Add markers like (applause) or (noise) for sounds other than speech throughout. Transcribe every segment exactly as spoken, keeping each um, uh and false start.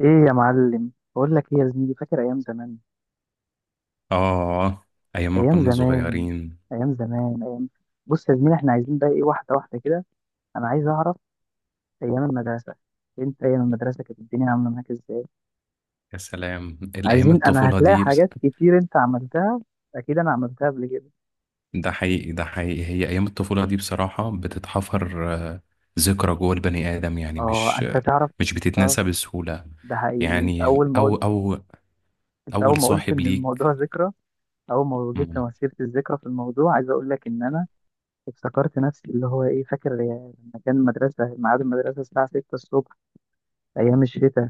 ايه يا معلم، بقول لك ايه يا زميلي، فاكر ايام زمان؟ آه. أيام ما ايام كنا زمان، صغيرين. ايام زمان، ايام. بص يا زميلي، احنا عايزين بقى ايه، واحده واحده كده. انا عايز اعرف ايام المدرسه، انت ايام المدرسه كانت الدنيا عامله معاك ازاي؟ يا سلام الأيام عايزين، انا الطفولة هتلاقي دي بس. حاجات كتير انت عملتها، اكيد انا عملتها قبل كده. ده حقيقي ده حقيقي، هي أيام الطفولة دي بصراحة بتتحفر آه، ذكرى جوه البني آدم. يعني اه، مش انت آه، تعرف مش انت تعرف بتتنسى بسهولة. ده حقيقي. انت يعني اول ما أو قلت أو انت اول أول ما قلت صاحب ان ليك. الموضوع (laughs) ذكرى. اول ما جبت مم. مسيره الذكرى في الموضوع، عايز اقول لك ان انا افتكرت نفسي، اللي هو ايه، فاكر لما كان المدرسه، ميعاد المدرسه الساعه ستة الصبح، أيام الشتاء،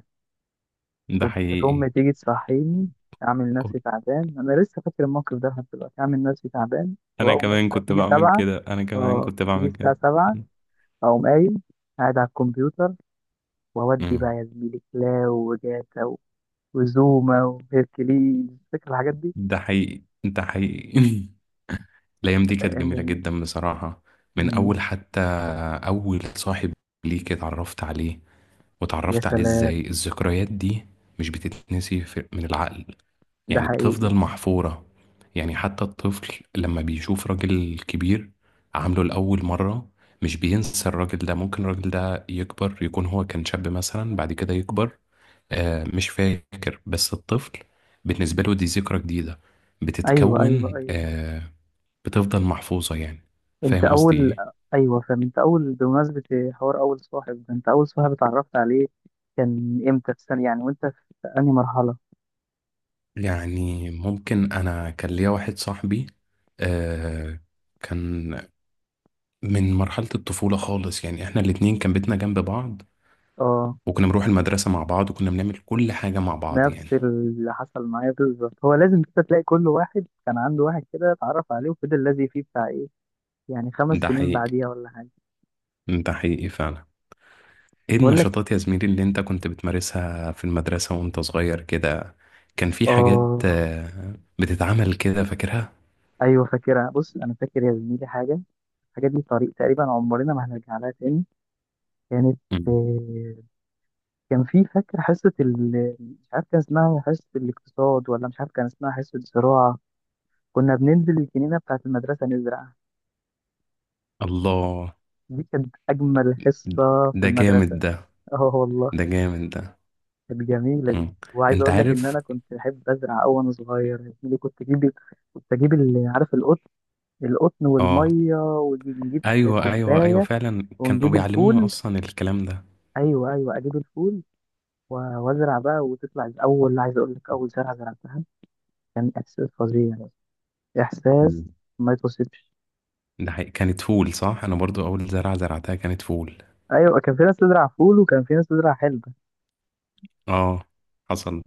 ده كانت أمي حقيقي. تيجي تصحيني، أعمل أو- نفسي تعبان. أنا لسه فاكر الموقف ده لحد دلوقتي. أعمل نفسي تعبان أنا وأقوم كمان الساعة كنت تيجي بعمل سبعة. كده، أنا كمان أه، كنت تيجي بعمل الساعة كده. سبعة أقوم قايم، قاعد على الكمبيوتر، وأودي مم. بقى يا زميلي كلاو وجاتا و- وزوما وهيركليز. فاكر الحاجات دي؟ ده حقيقي ده حقيقي. (laughs) الأيام دي كانت كانت أيام جميلة جميلة. جدا بصراحة. من مم. أول حتى أول صاحب ليك اتعرفت عليه، يا واتعرفت عليه إزاي سلام. الذكريات دي مش بتتنسي في- من العقل، ده يعني حقيقي. بتفضل محفورة. يعني حتى الطفل لما بيشوف راجل كبير عامله لأول مرة مش بينسى الراجل ده. ممكن الراجل ده يكبر، يكون هو كان شاب مثلا بعد كده يكبر، آه مش فاكر، بس الطفل بالنسبة له دي ذكرى جديدة أيوه، أيوه، بتتكون، أيوه. آه بتفضل محفوظة يعني. انت فاهم قصدي اول ايه؟ ايوه فاهم. انت اول، بمناسبه حوار اول صاحب ده، انت اول صاحب اتعرفت عليه كان امتى، في سنه يعني وانت في انهي مرحله؟ يعني ممكن انا كان ليا واحد صاحبي، آه كان من مرحلة الطفولة خالص. يعني احنا الاتنين كان بيتنا جنب بعض، اه، وكنا بنروح المدرسة مع بعض، وكنا بنعمل كل حاجة مع بعض يعني. نفس اللي حصل معايا بالظبط. هو لازم كده تلاقي كل واحد كان عنده واحد كده اتعرف عليه وفضل لازق فيه، بتاع ايه يعني، خمس ده سنين حقيقي. بعديها ولا حاجه. ده حقيقي فعلا. ايه بقول لك، النشاطات يا زميلي اللي انت كنت بتمارسها في المدرسة وانت صغير كده؟ كان في حاجات اه، آه، بتتعمل كده فاكرها. ايوه فاكرها. بص انا فاكر يا زميلي حاجه، الحاجه دي طريق تقريبا عمرنا ما هنرجع لها تاني. كانت، مم. آه، كان في، فاكر حصة ال... مش عارف كان اسمها حصة الاقتصاد ولا مش عارف كان اسمها حصة زراعة، كنا بننزل الجنينة بتاعة المدرسة نزرع. الله. دي كانت أجمل حصة في ده جامد المدرسة. ده. اه والله، ده جامد ده. كانت جميلة دي. مم. وعايز انت أقول لك إن عارف. أنا كنت بحب أزرع أوي وأنا صغير يا زميلي. كنت أجيب، كنت أجيب ال- عارف القطن، القطن اه. والمية ونجيب ايوه ايوه ايوه كوباية، فعلا، كانوا ونجيب بيعلمونا الفول. اصلا الكلام ده. أيوه أيوه، أجيب الفول، و- وأزرع بقى وتطلع. أول، عايز أقول لك، أول زرعة زرعتها كان إحساس فظيع، احساس مم. ما يتوصفش. ده حقيقي. كانت فول صح؟ انا برضو اول زرعه زرعتها كانت فول. ايوه، كان في ناس تزرع فول وكان في ناس تزرع حلبة. اه، حصل.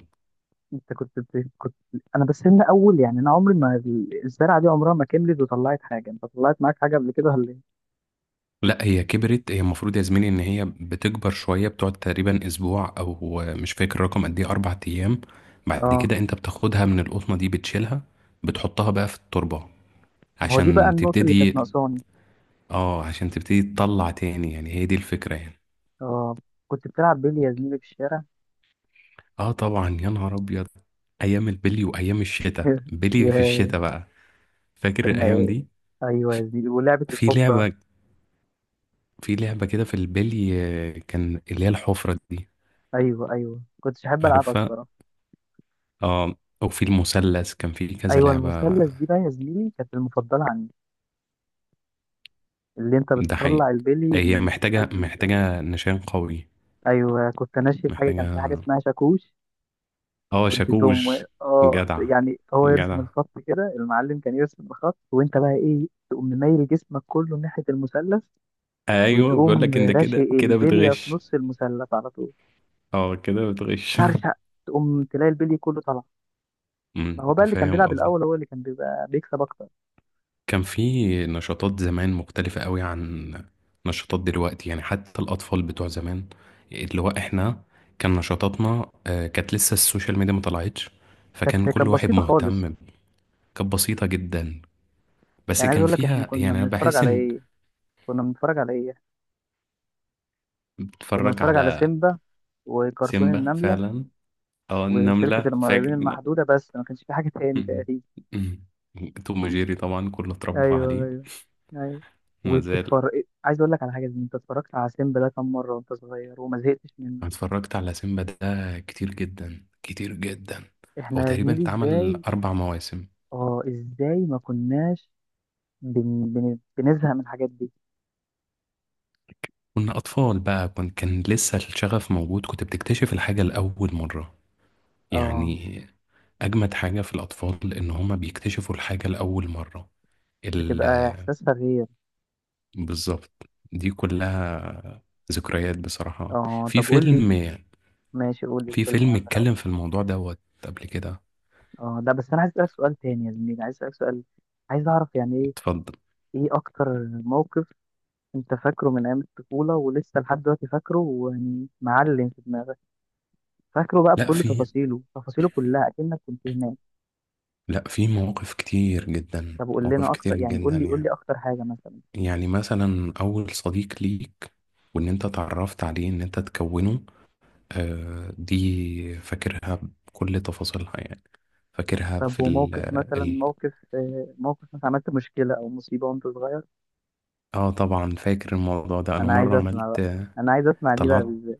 انت كنت بت- كنت، انا بس انا اول، يعني انا عمري ما ال- الزرعه دي عمرها ما كملت وطلعت حاجه، انت طلعت معاك حاجه قبل كده ولا ايه؟ لا، هي كبرت. هي المفروض يا زميلي ان هي بتكبر شويه، بتقعد تقريبا اسبوع، او مش فاكر الرقم قد ايه، اربع ايام. بعد اه، كده انت بتاخدها من القطنه دي، بتشيلها، بتحطها بقى في التربه ما هو دي بقى عشان النقطه اللي كانت تبتدي. ناقصاني. اه، عشان تبتدي تطلع تاني، يعني هي دي الفكره يعني. اه. كنت بتلعب بيلي يا زميلي في الشارع؟ اه طبعا، يا نهار ابيض. ايام البلي وايام الشتاء، (laughs) بلي في يا، الشتاء بقى. فاكر كان الايام ايه، دي؟ ايوه ف- يا زميلي ولعبه في الحفره. لعبه، في لعبه كده في البلي، آه، كان اللي هي الحفره دي. ايوه ايوه، كنتش احب العبها عارفها. الصراحه. اه. او في المثلث كان في كذا ايوه لعبه. المثلث دي بقى يا زميلي كانت المفضله عندي، اللي انت ده حقيقي. بتطلع البيلي هي من محتاجه، قلب المثلث. محتاجه نشان قوي. ايوه، كنت ماشي في حاجه، كان في حاجه محتاجه اسمها شاكوش. اه كنت تقوم، شاكوش. اه جدع. يعني، هو يرسم جدع. الخط كده، المعلم كان يرسم الخط، وانت بقى ايه، تقوم مميل جسمك كله ناحيه المثلث ايوه، بيقول وتقوم لك انت راشق كده كده البليه في بتغش. نص المثلث على طول. اه، كده بتغش. (laughs) ترشق، تقوم تلاقي البلي كله طالع. ما أمم، هو بقى اللي كان فاهم بيلعب قصدي. الاول هو اللي كان بيبقى بيكسب اكتر. كان في نشاطات زمان مختلفة قوي عن نشاطات دلوقتي. يعني حتى الأطفال بتوع زمان، اللي هو إحنا، كان نشاطاتنا آه، كانت لسه السوشيال ميديا ما طلعتش. كانت فكان كل كانت واحد بسيطه خالص. مهتم ب- كانت بسيطة جدا، بس يعني عايز كان اقول لك، احنا فيها كنا يعني أنا بنتفرج بحس على إن ايه؟ كنا بنتفرج على ايه كنا بتفرج بنتفرج على على سيمبا وكرتون سيمبا النمله فعلا، أو وشركة النملة المرعبين فاكر. المحدودة، بس ما كانش في حاجة تاني تقريبا. إن- (laughs) توم وجيري طبعا كله اتربى ايوه عليه، ايوه ايوه. ما زال. وبتتفرج، عايز اقول لك على حاجة زي، انت اتفرجت على سيمبا ده كام مرة وانت صغير وما زهقتش منه؟ أنا اتفرجت على سيمبا ده كتير جدا كتير جدا. هو احنا يا تقريبا زميلي اتعمل ازاي، أربع مواسم. اه ازاي ما كناش بن... بن... بنزهق من الحاجات دي؟ كنا أطفال بقى كن كان لسه الشغف موجود، كنت بتكتشف الحاجة لأول مرة اه. يعني. أجمد حاجة في الأطفال إن هما بيكتشفوا الحاجة لأول مرة ال... بتبقى احساسها غير. بالظبط، دي كلها ذكريات بصراحة. اه، في طب قول فيلم لي، ماشي، قول لي في الفيلم يا فيلم عم الاول. اتكلم في الموضوع دوت قبل كده. اه، لا بس انا عايز اسالك سؤال تاني يا زميلي. عايز اسالك سؤال، عايز اعرف يعني، ايه اتفضل. ايه اكتر موقف انت فاكره من ايام الطفوله ولسه لحد دلوقتي فاكره ويعني معلم في دماغك، فاكره بقى لا بكل في تفاصيله، تفاصيله كلها اكنك كنت هناك؟ لا في مواقف كتير جدا، طب قول مواقف لنا اكتر كتير يعني، قول جدا لي قول يعني. لي اكتر حاجه مثلا. يعني مثلا أول صديق ليك وإن أنت اتعرفت عليه، إن أنت تكونه، آه دي فاكرها بكل تفاصيلها يعني. فاكرها طب في ال وموقف مثلا، ال موقف آه، موقف مثلا عملت مشكله او مصيبه وانت صغير. آه طبعا فاكر الموضوع ده، أنا انا عايز مرة اسمع عملت، بقى، انا عايز اسمع دي بقى طلعت بالذات.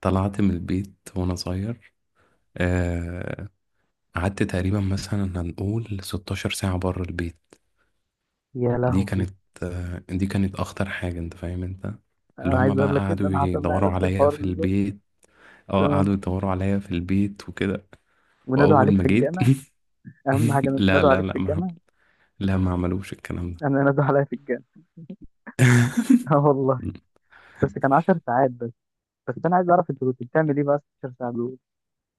طلعت من البيت وأنا صغير. آه قعدت تقريبا، مثلا هنقول ستاشر ساعة بره البيت. يا دي لهوي، كانت، آه دي كانت أخطر حاجة. أنت فاهم أنت، اللي انا هم عايز بقى اقول لك ان قعدوا انا حصل معايا يدوروا نفس عليا الحوار في بالظبط. البيت. اه، اه. قعدوا يدوروا عليا في البيت وكده، ونادوا واول عليك ما في جيت. الجامع؟ (laughs) اهم حاجه لا نادوا لا عليك في لا، ما الجامع. لا ما عملوش الكلام ده. انا نادوا عليا في الجامع. (laughs) اه (laughs) والله، بس كان 10 ساعات بس. بس انا عايز اعرف انت كنت بتعمل ايه بقى ستاشر ساعة ساعه دول؟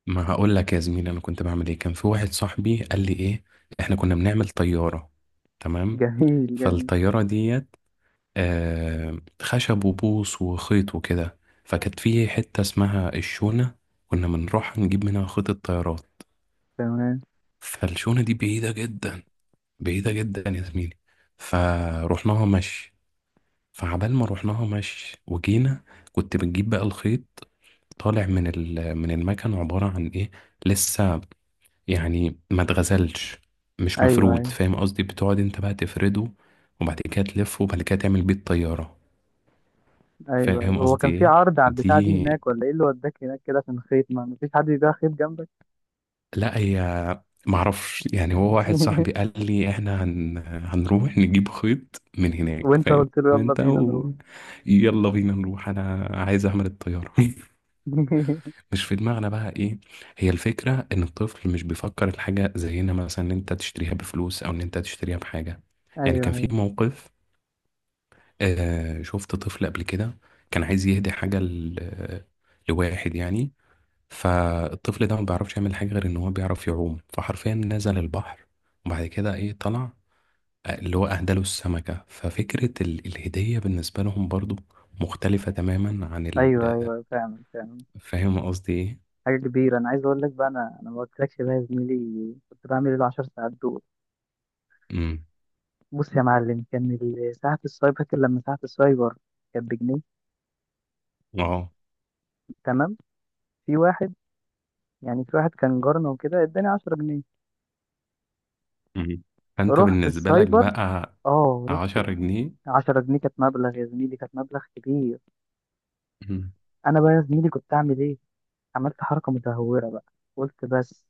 ما هقول لك يا زميلي انا كنت بعمل ايه. كان في واحد صاحبي قال لي ايه، احنا كنا بنعمل طيارة، تمام؟ جميل جميل. فالطيارة ديت آه خشب وبوص وخيط وكده. فكانت في حتة اسمها الشونة، كنا بنروح نجيب منها خيط الطيارات. تمام. فالشونة دي بعيدة جدا، بعيدة جدا يا زميلي. فروحناها مشي، فعبال ما رحناها مشي وجينا كنت بتجيب بقى الخيط طالع من ال من المكن. عبارة عن ايه؟ لسه يعني ما اتغزلش، مش ايوه مفرود، ايوه. فاهم قصدي؟ بتقعد انت بقى تفرده، وبعد كده تلفه، وبعد كده تعمل بيه الطيارة. ايبه فاهم ايوه، هو قصدي كان في ايه؟ عرض على البتاع دي دي هناك ولا ايه اللي وداك هناك كده عشان خيط، ما مفيش حد بيبيع خيط جنبك؟ لا، هي معرفش يعني. هو واحد صاحبي (laughs) قال لي احنا هن... هنروح نجيب خيط من هناك وانت فاهم. قلت له يلا انت بينا و... نروح؟ يلا بينا نروح، انا عايز اعمل الطيارة. (laughs) (laughs) مش في دماغنا بقى ايه، هي الفكرة ان الطفل مش بيفكر الحاجة زينا، مثلا ان انت تشتريها بفلوس او ان انت تشتريها بحاجة. يعني ايوه كان في ايوه. موقف، آه شفت طفل قبل كده، كان عايز يهدي حاجة ل- لواحد يعني. فالطفل ده ما بيعرفش يعمل حاجة غير ان هو بيعرف يعوم، فحرفيا نزل البحر وبعد كده ايه طلع، آه، اللي هو اهداله السمكة. ففكرة ال- الهدية بالنسبة لهم برضو مختلفة تماما عن ال- ايوه ايوه فعلا فعلا. فاهم قصدي ايه؟ حاجه كبيره. انا عايز اقول لك بقى، انا انا ما قلتلكش بقى يا زميلي كنت بعمل ايه العشر ساعات دول. امم بص يا معلم، كان ال- ساعه السايبر، فاكر لما ساعه السايبر كانت بجنيه؟ اه. تمام. في واحد، يعني في واحد كان جارنا وكده، اداني عشرة جنيه، مم. فانت رحت بالنسبة لك السايبر. بقى اه رحت. عشرة جنيه. عشر جنيه كانت مبلغ يا زميلي، كانت مبلغ كبير. مم. انا بقى يا زميلي كنت اعمل ايه؟ عملت حركه متهوره بقى، قلت بس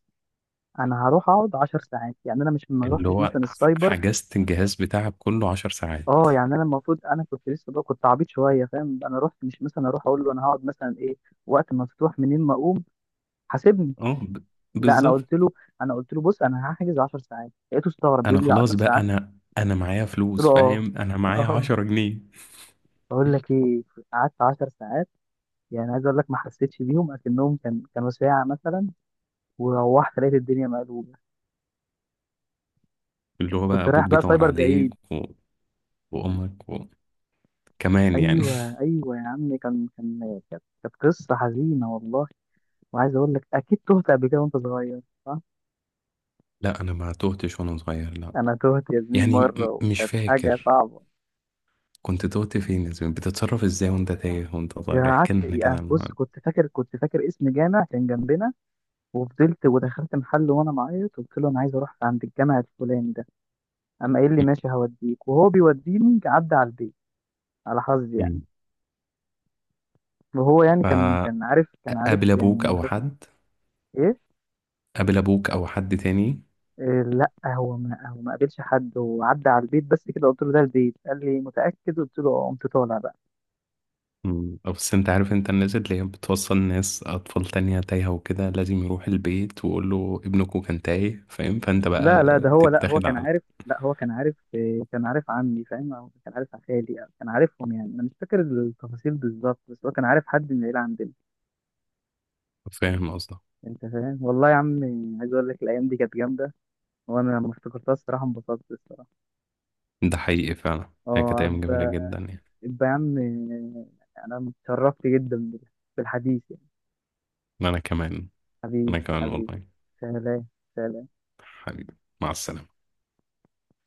انا هروح اقعد 10 ساعات. يعني انا مش ما اللي روحتش هو مثلا السايبر، حجزت الجهاز بتاعك كله عشر ساعات. اه. يعني انا المفروض، انا كنت لسه بقى كنت عبيط شويه، فاهم؟ انا رحت مش مثلا اروح اقول له انا هقعد مثلا ايه، وقت ما تفتوح منين ما اقوم حاسبني. اه ب- لا، انا بالظبط. قلت له، انا قلت له بص انا هحجز 10 ساعات. لقيته استغرب انا بيقول لي خلاص 10 بقى، ساعات؟ انا انا معايا قلت فلوس له اه. فاهم، انا (laughs) معايا اه. عشرة جنيه. بقول لك ايه، قعدت 10 ساعات، يعني عايز اقول لك ما حسيتش بيهم، اكنهم كان كانوا ساعه مثلا. وروحت لقيت الدنيا مقلوبه، اللي هو بقى كنت ابوك رايح بقى بيدور سايبر عليك بعيد. و... وامك و... كمان يعني. ايوه ايوه يا عم، كان كان كانت كانت قصه حزينه والله. وعايز اقول لك، اكيد تهت قبل كده وانت صغير صح؟ (laughs) لا، انا ما توهتش وانا صغير، لا. انا تهت يا زميلي يعني م- مره مش وكانت حاجه فاكر. صعبه. كنت توهت فين يا زميلي؟ بتتصرف ازاي وانت تايه وانت صغير؟ قعدت احكي لنا كده عن يعني، بص الموضوع. كنت فاكر كنت فاكر اسم جامع كان جنبنا، وفضلت ودخلت محل وانا معيط، قلت له انا عايز اروح عند الجامع الفلاني ده. اما قال لي ماشي هوديك، وهو بيوديني عدى على البيت، على حظي يعني. مم. وهو يعني كان، كان عارف كان عارف، فقابل ابوك يعني او عارف. حد، ايه. قابل ابوك او حد تاني. إيه، لا هو، ما هو ما قابلش حد، وعدى على البيت بس كده، قلت له ده البيت، قال لي متأكد، قلت له اه، قمت طالع بقى. مم. بس انت عارف، انت الناس اللي هي بتوصل ناس اطفال تانية تايهة وكده لازم يروح البيت ويقول له ابنكوا كان تايه، فاهم؟ فانت بقى لا لا، ده هو، لا هو تتاخد كان على، عارف، لا هو كان عارف، إيه، كان عارف عمي فاهم، أو كان عارف خالي، أو كان عارفهم يعني. انا مش فاكر التفاصيل بالظبط، بس هو كان عارف حد من العيلة عندنا. فاهم قصدك. انت فاهم، والله يا عم، عايز اقول لك الايام دي كانت جامدة. وانا لما افتكرتها الصراحة انبسطت الصراحة. ده حقيقي فعلا، هي كانت اه، ايام ابقى، جميلة جدا يعني. ابقى يا عم. انا اتشرفت جدا بالحديث يعني. انا كمان انا حبيبي كمان حبيبي. والله. سلام. سلام. حبيبي. مع السلامة.